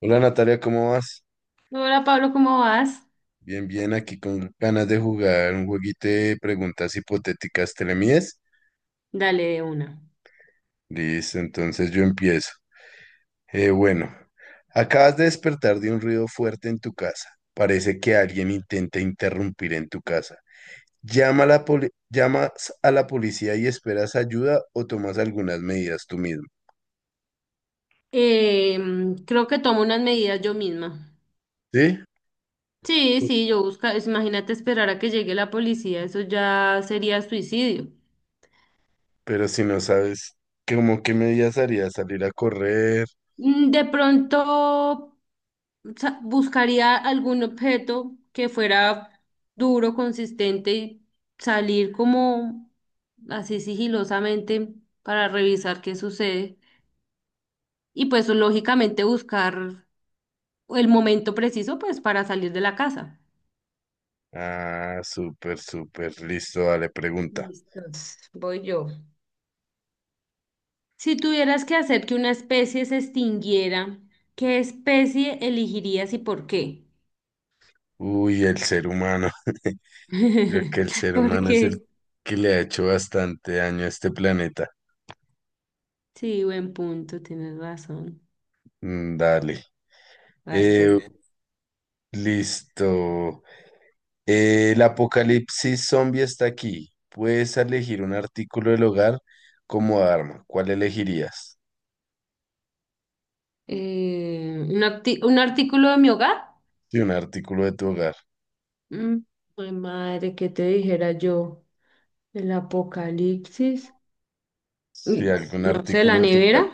Hola Natalia, ¿cómo vas? Hola Pablo, ¿cómo vas? Bien, bien, aquí con ganas de jugar un jueguito de preguntas hipotéticas. ¿Te le mides? Dale de una. Listo, entonces yo empiezo. Eh, bueno, Acabas de despertar de un ruido fuerte en tu casa. Parece que alguien intenta interrumpir en tu casa. ¿Llamas a la policía y esperas ayuda o tomas algunas medidas tú mismo? Creo que tomo unas medidas yo misma. ¿Sí? Sí, sí, imagínate esperar a que llegue la policía, eso ya sería suicidio. Pero si no sabes, ¿cómo qué medidas harías? ¿Salir a correr? De pronto buscaría algún objeto que fuera duro, consistente y salir como así sigilosamente para revisar qué sucede. Y pues lógicamente buscar el momento preciso pues para salir de la casa. Ah, súper, súper, listo, dale, pregunta. Listos, voy yo. Si tuvieras que hacer que una especie se extinguiera, ¿qué especie elegirías y por qué? Uy, el ser humano. Creo que el ser humano es el Porque, que le ha hecho bastante daño a este planeta. sí, buen punto, tienes razón. Mm, dale. Vas tú. Eh, listo. El apocalipsis zombie está aquí. Puedes elegir un artículo del hogar como arma. ¿Cuál elegirías? Un artículo de mi hogar? Sí, un artículo de tu hogar. Mm, ay, madre, ¿qué te dijera yo? El apocalipsis. Sí, Y, algún No sé, artículo la de tu hogar. nevera.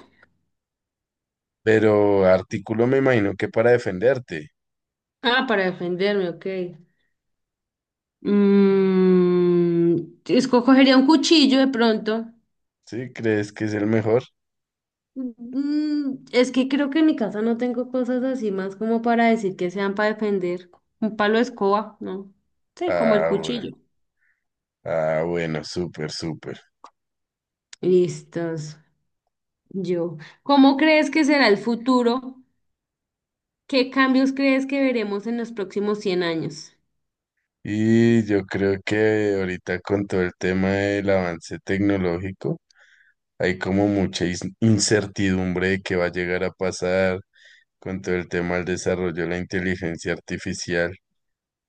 Pero artículo me imagino que para defenderte. Ah, para defenderme, ok. Mm, Escogería un cuchillo de pronto. ¿Sí? ¿Crees que es el mejor? Es que creo que en mi casa no tengo cosas así más como para decir que sean para defender. Un palo de escoba, ¿no? Sí, como el Ah, bueno. cuchillo. Ah, bueno, súper, súper. Listos. Yo. ¿Cómo crees que será el futuro? ¿Qué cambios crees que veremos en los próximos 100 años? Y yo creo que ahorita con todo el tema del avance tecnológico, hay como mucha incertidumbre de qué va a llegar a pasar con todo el tema del desarrollo de la inteligencia artificial.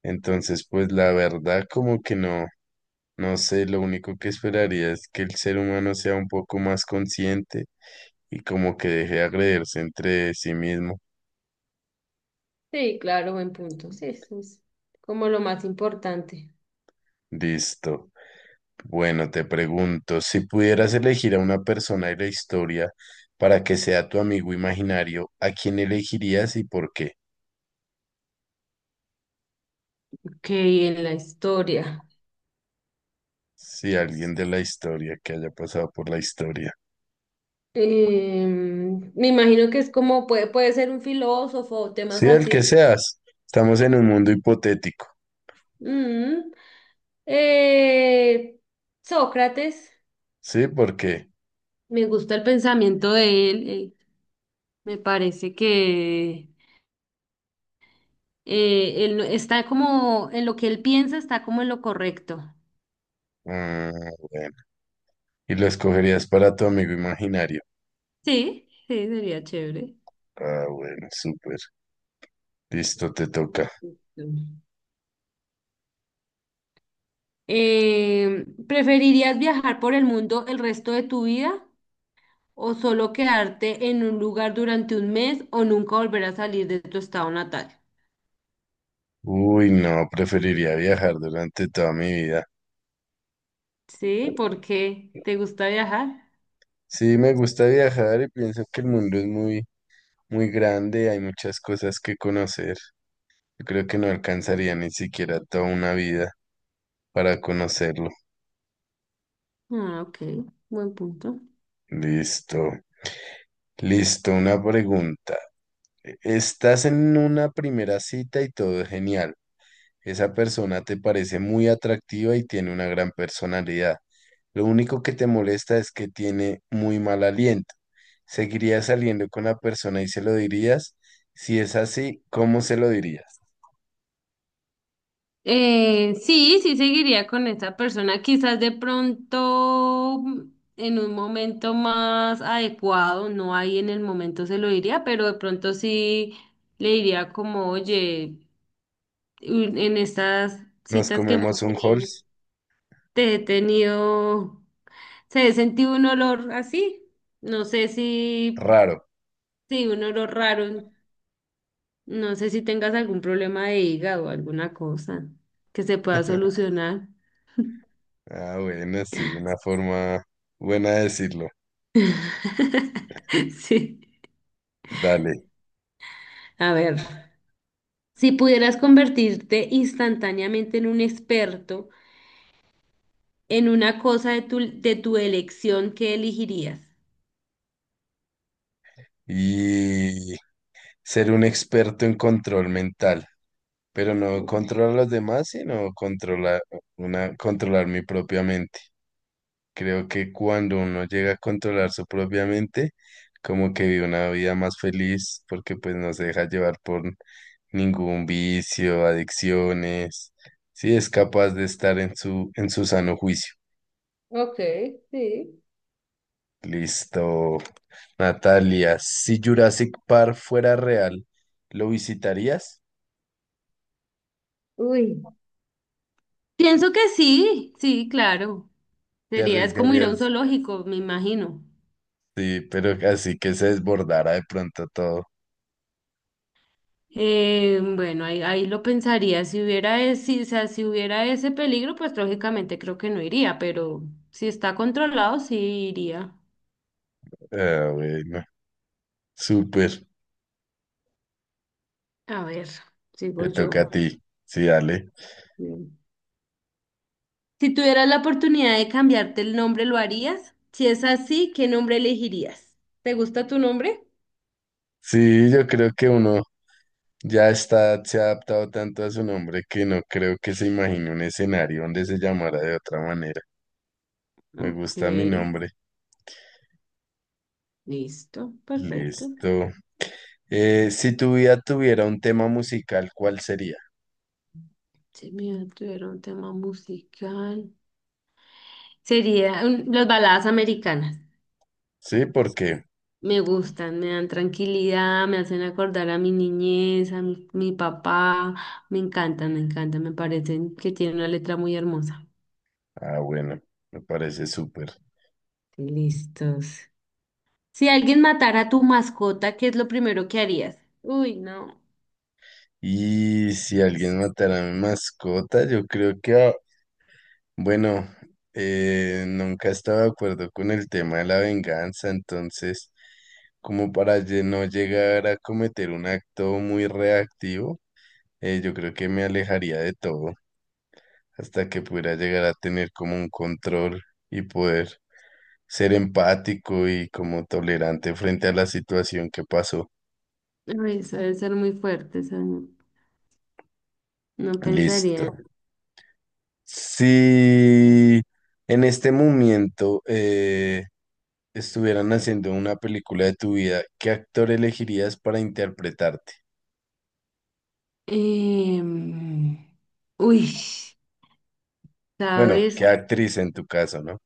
Entonces, pues la verdad como que no, no sé, lo único que esperaría es que el ser humano sea un poco más consciente y como que deje de agredirse entre sí mismo. Sí, claro, buen punto. Sí, eso es como lo más importante. Listo. Bueno, te pregunto, si pudieras elegir a una persona de la historia para que sea tu amigo imaginario, ¿a quién elegirías y por qué? Ok, en la historia. Si alguien de la historia que haya pasado por la historia. Me imagino que es como puede ser un filósofo o temas Sí, el así. que seas. Estamos en un mundo hipotético. Mm, Eh, Sócrates, Sí, porque. me gusta el pensamiento de él, me parece que él no- está como en lo que él piensa, está como en lo correcto. Ah, bueno. Y lo escogerías para tu amigo imaginario. Sí, sí, sería chévere. Ah, bueno, súper. Listo, te toca. Listo. ¿Preferirías viajar por el mundo el resto de tu vida o solo quedarte en un lugar durante un mes o nunca volver a salir de tu estado natal? Uy, no, preferiría viajar durante toda mi vida. Sí, ¿por qué te gusta viajar? Sí, me gusta viajar y pienso que el mundo es muy muy grande, hay muchas cosas que conocer. Yo creo que no alcanzaría ni siquiera toda una vida para conocerlo. Ah, ok, buen punto. Listo, listo, una pregunta. Estás en una primera cita y todo es genial. Esa persona te parece muy atractiva y tiene una gran personalidad. Lo único que te molesta es que tiene muy mal aliento. ¿Seguirías saliendo con la persona y se lo dirías? Si es así, ¿cómo se lo dirías? Sí, sí seguiría con esa persona, quizás de pronto en un momento más adecuado, no ahí en el momento se lo diría, pero de pronto sí le diría como, oye, en estas ¿Nos citas que comemos hemos un tenido, Halls? te he tenido, se he sentido un olor así, no sé si, Raro. sí, un olor raro, no sé si tengas algún problema de hígado o alguna cosa que se pueda solucionar. Ah, bueno, sí, una forma buena de decirlo. Sí, Dale. a ver, si pudieras convertirte instantáneamente en un experto en una cosa de tu, elección, ¿qué elegirías? Y ser un experto en control mental, pero no Uy. controlar a los demás, sino controlar una, controlar mi propia mente. Creo que cuando uno llega a controlar su propia mente, como que vive una vida más feliz, porque pues no se deja llevar por ningún vicio, adicciones. Sí, es capaz de estar en su sano juicio. Ok, sí. Listo. Natalia, si Jurassic Park fuera real, ¿lo visitarías? Uy. Pienso que sí, sí, claro. ¿Te Sería, es como ir a un arriesgarías? zoológico, me imagino. Sí, pero así que se desbordara de pronto todo. Bueno, ahí lo pensaría. Si hubiera ese, o sea, si hubiera ese peligro, pues lógicamente creo que no iría, pero si está controlado, sí iría. Ah, bueno, súper. A ver, sigo Te yo. toca a ti. Sí, dale. Bien. Si tuvieras la oportunidad de cambiarte el nombre, ¿lo harías? Si es así, ¿qué nombre elegirías? ¿Te gusta tu nombre? Sí, yo creo que uno ya está, se ha adaptado tanto a su nombre que no creo que se imagine un escenario donde se llamara de otra manera. Me Ok, gusta mi nombre. listo, perfecto. Listo. Si tu vida tuviera un tema musical, ¿cuál sería? Si me tuviera un tema musical. Sería las baladas americanas. Sí, por qué Me gustan, me dan tranquilidad, me hacen acordar a mi niñez, a mi papá. Me encantan, me encantan, me parecen que tienen una letra muy hermosa. ah, bueno, me parece súper. Listos. Si alguien matara a tu mascota, ¿qué es lo primero que harías? Uy, no. Y si alguien matara a mi mascota, yo creo que, ah, bueno, nunca he estado de acuerdo con el tema de la venganza, entonces, no llegar a cometer un acto muy reactivo, yo creo que me alejaría de todo hasta que pudiera llegar a tener como un control y poder. Ser empático y como tolerante frente a la situación que pasó. Uy, eso debe ser muy fuerte, eso no, no Listo. pensaría. Si en este momento estuvieran haciendo una película de tu vida, ¿qué actor elegirías para interpretarte? Em, uy, Bueno, ¿sabes? ¿qué actriz en tu caso, no?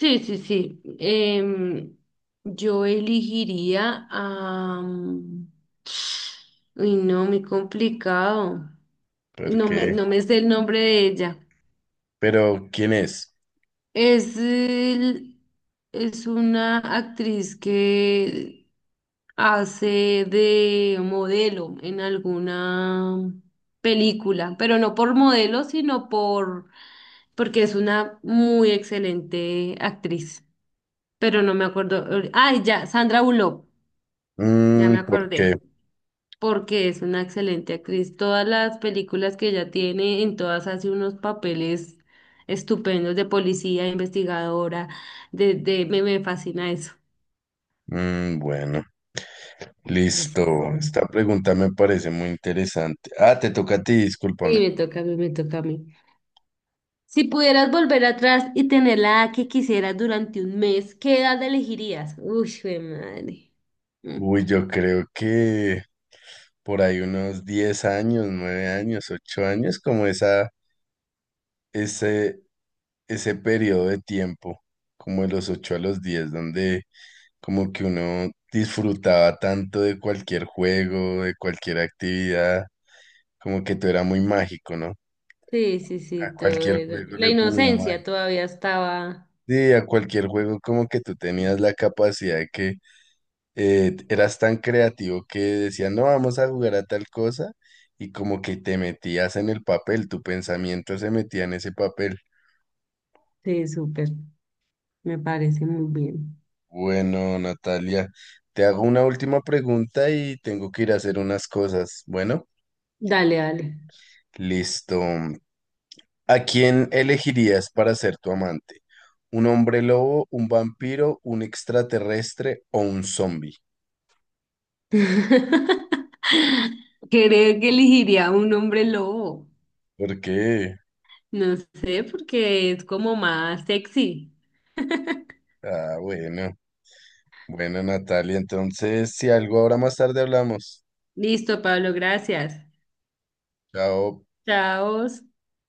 Sí, sí, sí. Yo elegiría a... Uy, no, muy complicado. No Porque, me, no me sé el nombre de ella. pero ¿quién es? Es, el- es una actriz que hace de modelo en alguna película, pero no por modelo, sino porque es una muy excelente actriz. Pero no me acuerdo. Ay, ya, Sandra Bullock, ya me Mm, ¿por qué? acordé porque es una excelente actriz. Todas las películas que ella tiene, en todas hace unos papeles estupendos de policía, investigadora, me fascina eso. Mm, bueno, listo. Listo. Esta pregunta me parece muy interesante. Ah, te toca a ti, Sí, discúlpame. me toca a mí, me toca a mí. Si pudieras volver atrás y tener la edad que quisieras durante un mes, ¿qué edad elegirías? Uy, jue madre. Mm. Uy, yo creo que por ahí unos 10 años, 9 años, 8 años, como esa, ese, ese periodo de tiempo, como de los 8 a los 10 donde como que uno disfrutaba tanto de cualquier juego, de cualquier actividad, como que todo era muy mágico, ¿no? Sí, sí, sí, A todo cualquier era- juego La le ponía inocencia magia. todavía estaba. Sí, a cualquier juego como que tú tenías la capacidad de que eras tan creativo que decían, no, vamos a jugar a tal cosa, y como que te metías en el papel, tu pensamiento se metía en ese papel. Sí, súper. Me parece muy bien. Bueno, Natalia, te hago una última pregunta y tengo que ir a hacer unas cosas. Bueno, Dale, dale. listo. ¿A quién elegirías para ser tu amante? ¿Un hombre lobo, un vampiro, un extraterrestre o un zombie? Creo que elegiría un hombre lobo. ¿Por qué? No sé, porque es como más sexy. Ah, bueno. Bueno, Natalia, entonces, si algo ahora más tarde hablamos. Listo, Pablo, gracias. Chao. Chao.